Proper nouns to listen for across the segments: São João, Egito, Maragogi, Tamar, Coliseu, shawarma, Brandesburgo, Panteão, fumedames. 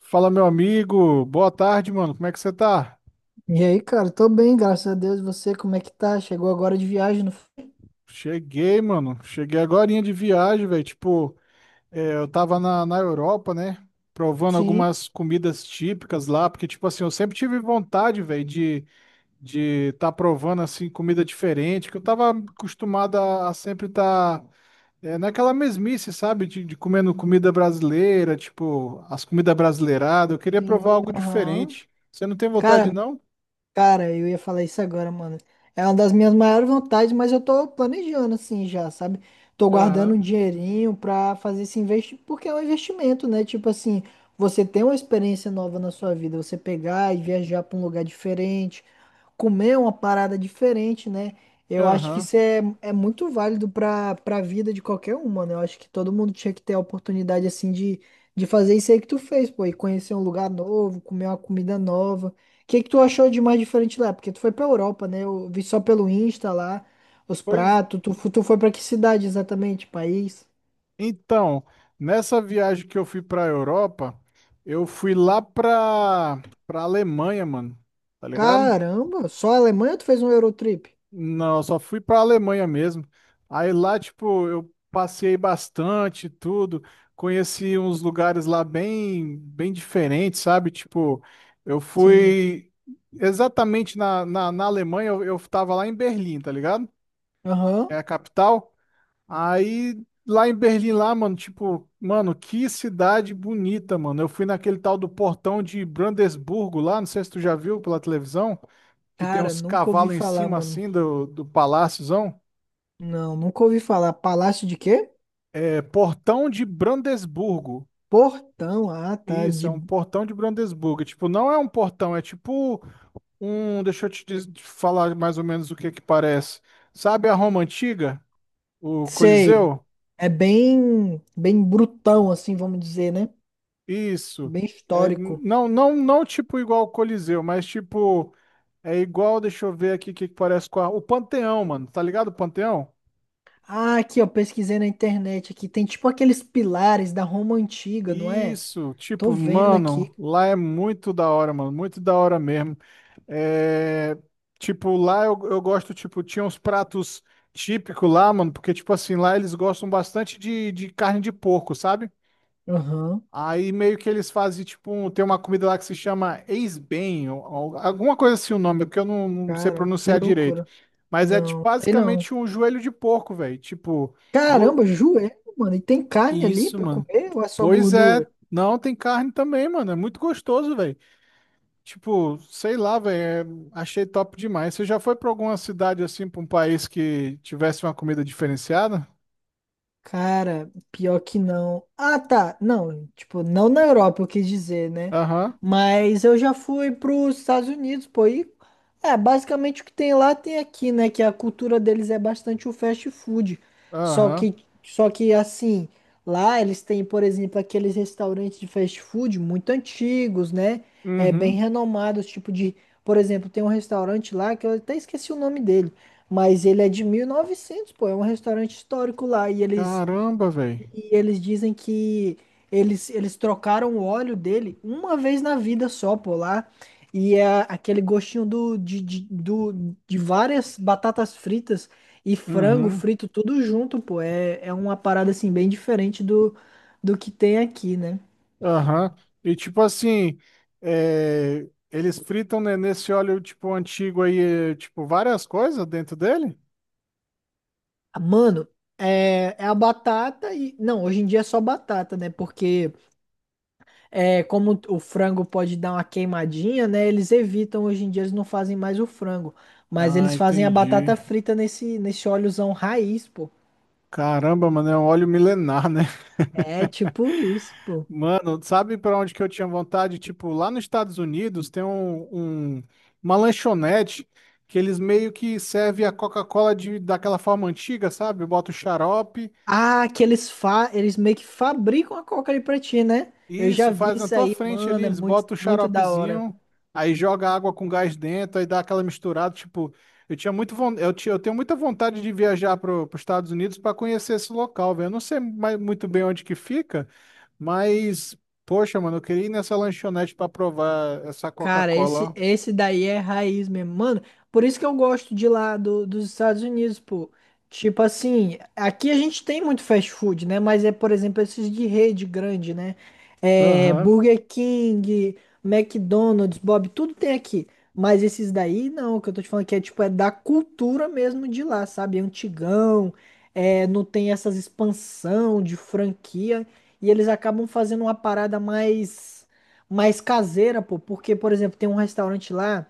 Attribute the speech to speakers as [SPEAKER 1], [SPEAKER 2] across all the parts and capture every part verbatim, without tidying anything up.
[SPEAKER 1] Fala, meu amigo. Boa tarde, mano. Como é que você tá?
[SPEAKER 2] E aí, cara, tô bem, graças a Deus. E você, como é que tá? Chegou agora de viagem, não foi?
[SPEAKER 1] Cheguei, mano. Cheguei agorinha de viagem, velho. Tipo, é, eu tava na, na Europa, né? Provando
[SPEAKER 2] Sim,
[SPEAKER 1] algumas comidas típicas lá, porque, tipo assim, eu sempre tive vontade, velho, de de tá provando, assim, comida diferente, que eu tava acostumado a, a sempre tá é, naquela mesmice, sabe? De, de comendo comida brasileira, tipo, as comidas brasileiradas. Eu queria provar
[SPEAKER 2] sim,
[SPEAKER 1] algo
[SPEAKER 2] aham.
[SPEAKER 1] diferente. Você não tem vontade,
[SPEAKER 2] Cara,
[SPEAKER 1] não?
[SPEAKER 2] cara, eu ia falar isso agora, mano. É uma das minhas maiores vontades, mas eu tô planejando assim já, sabe? Tô guardando
[SPEAKER 1] Aham,
[SPEAKER 2] um dinheirinho pra fazer esse investimento, porque é um investimento, né? Tipo assim, você tem uma experiência nova na sua vida, você pegar e viajar pra um lugar diferente, comer uma parada diferente, né? Eu acho que
[SPEAKER 1] aham.
[SPEAKER 2] isso é, é muito válido para para a vida de qualquer um, mano. Eu acho que todo mundo tinha que ter a oportunidade, assim, de, de fazer isso aí que tu fez, pô, e conhecer um lugar novo, comer uma comida nova. O que que tu achou de mais diferente lá? Porque tu foi pra Europa, né? Eu vi só pelo Insta lá, os
[SPEAKER 1] Pois
[SPEAKER 2] pratos. Tu, fu- tu foi pra que cidade exatamente? País?
[SPEAKER 1] Então, nessa viagem que eu fui pra Europa, eu fui lá pra, pra Alemanha, mano. Tá ligado?
[SPEAKER 2] Caramba, só a Alemanha ou tu fez um Eurotrip?
[SPEAKER 1] Não, eu só fui pra Alemanha mesmo. Aí lá, tipo, eu passei bastante, tudo. Conheci uns lugares lá bem, bem diferentes, sabe? Tipo, eu
[SPEAKER 2] Sim.
[SPEAKER 1] fui exatamente na, na, na Alemanha, eu, eu tava lá em Berlim, tá ligado? É
[SPEAKER 2] Aham.
[SPEAKER 1] a capital. Aí lá em Berlim, lá, mano, tipo, mano, que cidade bonita, mano. Eu fui naquele tal do portão de Brandesburgo lá, não sei se tu já viu pela televisão, que tem
[SPEAKER 2] Cara,
[SPEAKER 1] uns
[SPEAKER 2] nunca ouvi
[SPEAKER 1] cavalos em
[SPEAKER 2] falar,
[SPEAKER 1] cima
[SPEAKER 2] mano.
[SPEAKER 1] assim do, do paláciozão.
[SPEAKER 2] Não, nunca ouvi falar. Palácio de quê?
[SPEAKER 1] É portão de Brandesburgo.
[SPEAKER 2] Portão, ah, tá,
[SPEAKER 1] Isso, é
[SPEAKER 2] de,
[SPEAKER 1] um portão de Brandesburgo. Tipo, não é um portão, é tipo um. Deixa eu te diz- te falar mais ou menos o que que parece. Sabe a Roma Antiga? O
[SPEAKER 2] sei,
[SPEAKER 1] Coliseu?
[SPEAKER 2] é bem, bem brutão, assim, vamos dizer, né?
[SPEAKER 1] Isso.
[SPEAKER 2] Bem
[SPEAKER 1] É,
[SPEAKER 2] histórico.
[SPEAKER 1] não, não, não tipo igual o Coliseu, mas tipo, é igual, deixa eu ver aqui o que que parece com a- o Panteão, mano. Tá ligado o Panteão?
[SPEAKER 2] Ah, aqui, ó, pesquisei na internet aqui, tem tipo aqueles pilares da Roma Antiga, não é?
[SPEAKER 1] Isso,
[SPEAKER 2] Tô
[SPEAKER 1] tipo,
[SPEAKER 2] vendo
[SPEAKER 1] mano,
[SPEAKER 2] aqui.
[SPEAKER 1] lá é muito da hora, mano, muito da hora mesmo. É, tipo, lá eu, eu gosto, tipo, tinha uns pratos típicos lá, mano, porque, tipo assim, lá eles gostam bastante de, de carne de porco, sabe?
[SPEAKER 2] Aham,
[SPEAKER 1] Aí meio que eles fazem, tipo, um- tem uma comida lá que se chama ex-bem, ou- ou alguma coisa assim o nome, porque eu não, não sei
[SPEAKER 2] cara, que
[SPEAKER 1] pronunciar direito.
[SPEAKER 2] loucura.
[SPEAKER 1] Mas é tipo,
[SPEAKER 2] Não, sei não.
[SPEAKER 1] basicamente um joelho de porco, velho. Tipo, go-
[SPEAKER 2] Caramba, joelho, mano, e tem carne ali
[SPEAKER 1] isso,
[SPEAKER 2] pra
[SPEAKER 1] mano.
[SPEAKER 2] comer ou é só
[SPEAKER 1] Pois é,
[SPEAKER 2] gordura?
[SPEAKER 1] não, tem carne também, mano. É muito gostoso, velho. Tipo, sei lá, velho. é- Achei top demais. Você já foi pra alguma cidade assim, pra um país que tivesse uma comida diferenciada?
[SPEAKER 2] Cara, pior que não. Ah, tá. Não, tipo, não na Europa, eu quis dizer, né?
[SPEAKER 1] Aham,
[SPEAKER 2] Mas eu já fui pros Estados Unidos, pô. E é basicamente o que tem lá tem aqui, né? Que a cultura deles é bastante o fast food. Só
[SPEAKER 1] aham,
[SPEAKER 2] que, só que assim, lá eles têm, por exemplo, aqueles restaurantes de fast food muito antigos, né? É, bem
[SPEAKER 1] uhum.
[SPEAKER 2] renomados, tipo de. Por exemplo, tem um restaurante lá que eu até esqueci o nome dele, mas ele é de mil e novecentos, pô. É um restaurante histórico lá e eles
[SPEAKER 1] Caramba, velho.
[SPEAKER 2] e eles dizem que eles, eles trocaram o óleo dele uma vez na vida só, pô, lá. E é aquele gostinho do, de, de, do, de várias batatas fritas e frango
[SPEAKER 1] Uhum.
[SPEAKER 2] frito, tudo junto, pô. É, é uma parada, assim, bem diferente do, do que tem aqui, né?
[SPEAKER 1] Aham. E tipo assim, é, eles fritam, né, nesse óleo tipo antigo aí, é, tipo várias coisas dentro dele?
[SPEAKER 2] Mano, é, é a batata e... Não, hoje em dia é só batata, né? Porque... é, como o frango pode dar uma queimadinha, né? Eles evitam, hoje em dia eles não fazem mais o frango, mas
[SPEAKER 1] Ah,
[SPEAKER 2] eles fazem a
[SPEAKER 1] entendi.
[SPEAKER 2] batata frita nesse, nesse óleozão raiz, pô.
[SPEAKER 1] Caramba, mano, é um óleo milenar, né?
[SPEAKER 2] É tipo isso, pô.
[SPEAKER 1] Mano, sabe pra onde que eu tinha vontade? Tipo, lá nos Estados Unidos tem um, um- uma lanchonete que eles meio que servem a Coca-Cola de daquela forma antiga, sabe? Bota o xarope.
[SPEAKER 2] Ah, que eles fa eles meio que fabricam a coca ali pra ti, né? Eu já
[SPEAKER 1] Isso,
[SPEAKER 2] vi
[SPEAKER 1] faz na
[SPEAKER 2] isso
[SPEAKER 1] tua
[SPEAKER 2] aí,
[SPEAKER 1] frente ali,
[SPEAKER 2] mano, é
[SPEAKER 1] eles
[SPEAKER 2] muito,
[SPEAKER 1] botam o
[SPEAKER 2] muito da hora.
[SPEAKER 1] xaropezinho, aí joga água com gás dentro, aí dá aquela misturada, tipo, eu tinha muito, von- eu tinha, eu tenho muita vontade de viajar para os Estados Unidos para conhecer esse local, velho. Eu não sei mais, muito bem onde que fica, mas poxa, mano, eu queria ir nessa lanchonete para provar essa
[SPEAKER 2] Cara, esse,
[SPEAKER 1] Coca-Cola.
[SPEAKER 2] esse daí é raiz mesmo. Mano, por isso que eu gosto de lá do- dos Estados Unidos, pô. Tipo assim, aqui a gente tem muito fast food, né? Mas é, por exemplo, esses de rede grande, né?
[SPEAKER 1] Ó.
[SPEAKER 2] É,
[SPEAKER 1] Aham.
[SPEAKER 2] Burger King, McDonald's, Bob, tudo tem aqui. Mas esses daí, não, o que eu tô te falando que é tipo, é da cultura mesmo de lá, sabe? É antigão, é, não tem essas expansão de franquia. E eles acabam fazendo uma parada mais mais caseira, pô, porque, por exemplo, tem um restaurante lá,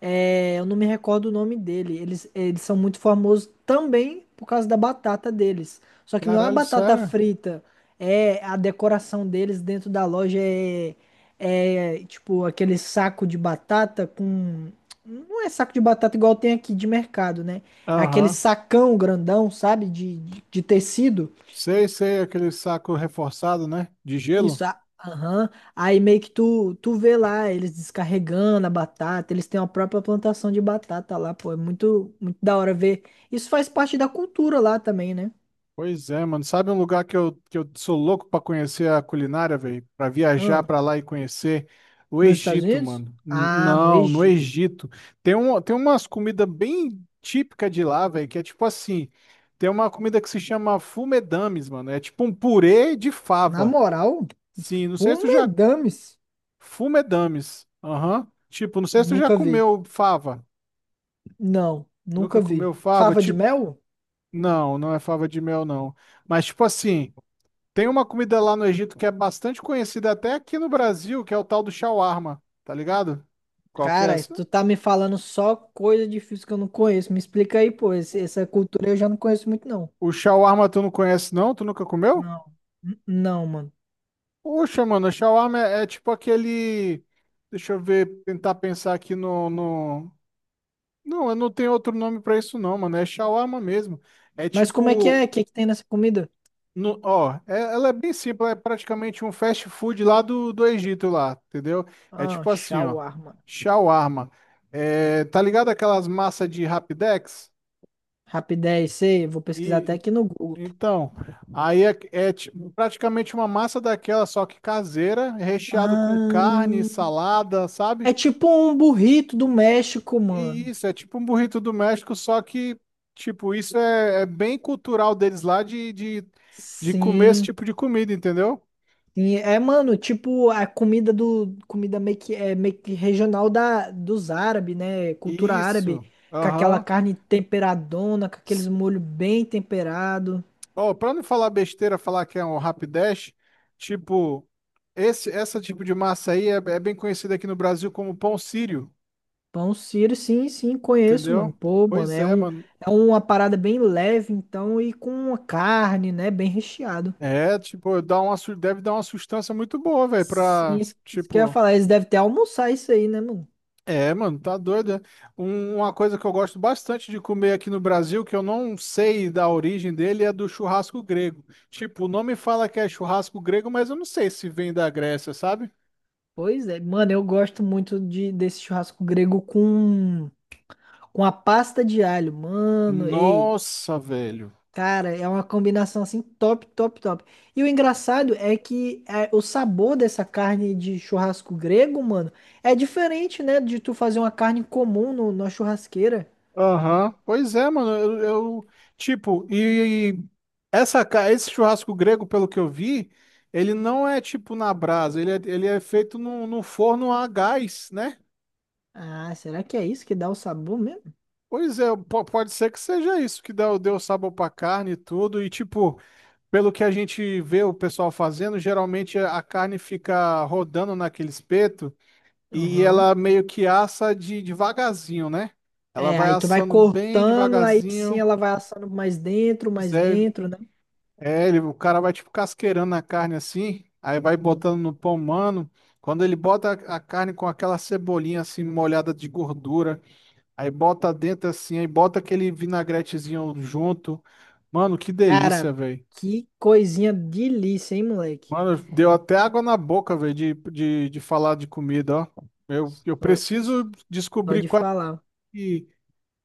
[SPEAKER 2] é, eu não me recordo o nome dele. Eles, eles são muito famosos também por causa da batata deles. Só que não é a
[SPEAKER 1] Caralho,
[SPEAKER 2] batata
[SPEAKER 1] sério?
[SPEAKER 2] frita, é a decoração deles dentro da loja é, é tipo aquele saco de batata com. Não é saco de batata igual tem aqui de mercado, né? É aquele
[SPEAKER 1] Aham.
[SPEAKER 2] sacão grandão, sabe? De, de, de tecido.
[SPEAKER 1] Sei, sei, aquele saco reforçado, né? De gelo.
[SPEAKER 2] Isso, a- aham. Aí meio que tu, tu vê lá eles descarregando a batata, eles têm a própria plantação de batata lá, pô. É muito, muito da hora ver. Isso faz parte da cultura lá também, né?
[SPEAKER 1] Pois é, mano. Sabe um lugar que eu, que eu sou louco pra conhecer a culinária, velho? Pra viajar
[SPEAKER 2] Ah,
[SPEAKER 1] pra lá e conhecer o
[SPEAKER 2] nos Estados
[SPEAKER 1] Egito, mano.
[SPEAKER 2] Unidos?
[SPEAKER 1] N-
[SPEAKER 2] Ah, no
[SPEAKER 1] não, no
[SPEAKER 2] Egito.
[SPEAKER 1] Egito. Tem, um, tem umas comidas bem típicas de lá, velho, que é tipo assim. Tem uma comida que se chama fumedames, mano. É tipo um purê de
[SPEAKER 2] Na
[SPEAKER 1] fava.
[SPEAKER 2] moral,
[SPEAKER 1] Sim, não sei se tu já.
[SPEAKER 2] pumedames.
[SPEAKER 1] Fumedames. Aham. Tipo, não sei se tu já
[SPEAKER 2] Nunca vi.
[SPEAKER 1] comeu fava.
[SPEAKER 2] Não,
[SPEAKER 1] Nunca
[SPEAKER 2] nunca
[SPEAKER 1] comeu
[SPEAKER 2] vi.
[SPEAKER 1] fava?
[SPEAKER 2] Fava de
[SPEAKER 1] Tipo,
[SPEAKER 2] mel?
[SPEAKER 1] não, não é fava de mel, não. Mas tipo assim. Tem uma comida lá no Egito que é bastante conhecida até aqui no Brasil, que é o tal do shawarma, tá ligado? Qual que é
[SPEAKER 2] Cara,
[SPEAKER 1] essa?
[SPEAKER 2] tu tá me falando só coisa difícil que eu não conheço. Me explica aí, pô. Esse- Essa cultura eu já não conheço muito, não.
[SPEAKER 1] O shawarma tu não conhece não? Tu nunca comeu?
[SPEAKER 2] Não, N- não, mano.
[SPEAKER 1] Poxa, mano, o shawarma é, é tipo aquele... Deixa eu ver, tentar pensar aqui no, no... Não, eu não tenho outro nome pra isso não, mano. É shawarma mesmo. É
[SPEAKER 2] Mas como é que é? O
[SPEAKER 1] tipo
[SPEAKER 2] que que tem nessa comida?
[SPEAKER 1] No, ó, é- ela é bem simples, é praticamente um fast food lá do, do Egito lá, entendeu? É
[SPEAKER 2] Ah,
[SPEAKER 1] tipo assim, ó,
[SPEAKER 2] shawarma.
[SPEAKER 1] shawarma. É, tá ligado aquelas massas de Rapidex?
[SPEAKER 2] Rapidez, sei. Vou pesquisar
[SPEAKER 1] E,
[SPEAKER 2] até
[SPEAKER 1] e-
[SPEAKER 2] aqui no Google.
[SPEAKER 1] então, aí é, é ti- praticamente uma massa daquela, só que caseira, recheado com
[SPEAKER 2] Ah,
[SPEAKER 1] carne, salada, sabe?
[SPEAKER 2] é tipo um burrito do México,
[SPEAKER 1] E
[SPEAKER 2] mano.
[SPEAKER 1] isso, é tipo um burrito do México, só que, tipo, isso é, é bem cultural deles lá de, de, de comer esse
[SPEAKER 2] Sim.
[SPEAKER 1] tipo de comida, entendeu?
[SPEAKER 2] Sim. É, mano, tipo a comida do comida meio que é meio que regional da dos árabes, né? Cultura árabe,
[SPEAKER 1] Isso.
[SPEAKER 2] com aquela
[SPEAKER 1] Aham.
[SPEAKER 2] carne temperadona, com aqueles molho bem temperado.
[SPEAKER 1] Ó, pra não falar besteira, falar que é um rapidash, tipo, esse, essa tipo de massa aí é, é bem conhecida aqui no Brasil como pão sírio,
[SPEAKER 2] Pão Sírio, sim, sim, conheço,
[SPEAKER 1] entendeu?
[SPEAKER 2] mano. Pô, mano,
[SPEAKER 1] Pois
[SPEAKER 2] é
[SPEAKER 1] é,
[SPEAKER 2] um,
[SPEAKER 1] mano.
[SPEAKER 2] é uma parada bem leve, então, e com uma carne, né, bem recheado.
[SPEAKER 1] É, tipo, dá uma, su- deve dar uma sustância muito boa, velho,
[SPEAKER 2] Sim,
[SPEAKER 1] pra,
[SPEAKER 2] isso, isso que eu ia
[SPEAKER 1] tipo...
[SPEAKER 2] falar, eles devem ter almoçar isso aí, né, mano?
[SPEAKER 1] É, mano, tá doido, né? Um- uma coisa que eu gosto bastante de comer aqui no Brasil, que eu não sei da origem dele, é do churrasco grego. Tipo, o nome fala que é churrasco grego, mas eu não sei se vem da Grécia, sabe?
[SPEAKER 2] Pois é, mano, eu gosto muito de, desse churrasco grego com, com a pasta de alho, mano, ei,
[SPEAKER 1] Nossa, velho.
[SPEAKER 2] cara, é uma combinação, assim, top, top, top. E o engraçado é que é, o sabor dessa carne de churrasco grego, mano, é diferente, né, de tu fazer uma carne comum no, na churrasqueira.
[SPEAKER 1] Aham, pois é, mano. Eu, eu- tipo, e, e essa, ca- esse churrasco grego, pelo que eu vi, ele não é tipo na brasa, ele é, ele é feito num, num forno a gás, né?
[SPEAKER 2] Ah, será que é isso que dá o sabor mesmo?
[SPEAKER 1] Pois é, po- pode ser que seja isso que deu, deu sabor pra carne e tudo. E, tipo, pelo que a gente vê o pessoal fazendo, geralmente a carne fica rodando naquele espeto e
[SPEAKER 2] Aham.
[SPEAKER 1] ela meio que assa de devagarzinho, né? Ela
[SPEAKER 2] É,
[SPEAKER 1] vai
[SPEAKER 2] aí tu vai
[SPEAKER 1] assando bem
[SPEAKER 2] cortando, aí sim
[SPEAKER 1] devagarzinho.
[SPEAKER 2] ela vai assando mais dentro, mais
[SPEAKER 1] Zé.
[SPEAKER 2] dentro, né?
[SPEAKER 1] É, ele, o cara vai tipo casqueirando a carne assim, aí vai botando no pão, mano. Quando ele bota a a carne com aquela cebolinha assim molhada de gordura, aí bota dentro assim, aí bota aquele vinagretezinho junto. Mano, que
[SPEAKER 2] Cara,
[SPEAKER 1] delícia, velho.
[SPEAKER 2] que coisinha delícia, hein, moleque?
[SPEAKER 1] Mano, deu até água na boca, velho, de, de, de falar de comida, ó. Eu, eu
[SPEAKER 2] Só
[SPEAKER 1] preciso
[SPEAKER 2] só
[SPEAKER 1] descobrir
[SPEAKER 2] de
[SPEAKER 1] qual
[SPEAKER 2] falar.
[SPEAKER 1] que,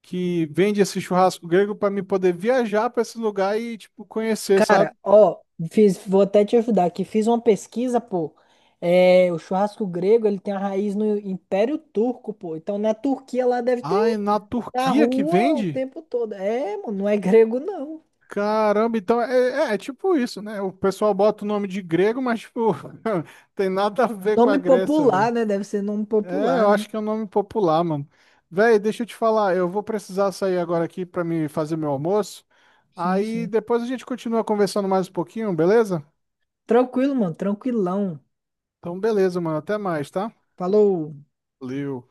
[SPEAKER 1] que vende esse churrasco grego para me poder viajar para esse lugar e, tipo, conhecer, sabe?
[SPEAKER 2] Cara, ó, fiz, vou até te ajudar aqui. Fiz uma pesquisa, pô. É, o churrasco grego, ele tem a raiz no Império Turco, pô. Então na Turquia lá deve ter
[SPEAKER 1] Ah, é na
[SPEAKER 2] na
[SPEAKER 1] Turquia que
[SPEAKER 2] rua o
[SPEAKER 1] vende?
[SPEAKER 2] tempo todo. É, mano, não é grego, não.
[SPEAKER 1] Caramba, então é, é- é tipo isso, né? O pessoal bota o nome de grego, mas tipo, tem nada a ver com a
[SPEAKER 2] Nome
[SPEAKER 1] Grécia,
[SPEAKER 2] popular,
[SPEAKER 1] velho.
[SPEAKER 2] né? Deve ser nome
[SPEAKER 1] É,
[SPEAKER 2] popular,
[SPEAKER 1] eu
[SPEAKER 2] né?
[SPEAKER 1] acho que é um nome popular, mano. Velho, deixa eu te falar, eu vou precisar sair agora aqui pra me fazer meu almoço.
[SPEAKER 2] Sim,
[SPEAKER 1] Aí
[SPEAKER 2] sim.
[SPEAKER 1] depois a gente continua conversando mais um pouquinho, beleza?
[SPEAKER 2] Tranquilo, mano. Tranquilão.
[SPEAKER 1] Então, beleza, mano. Até mais, tá?
[SPEAKER 2] Falou.
[SPEAKER 1] Valeu.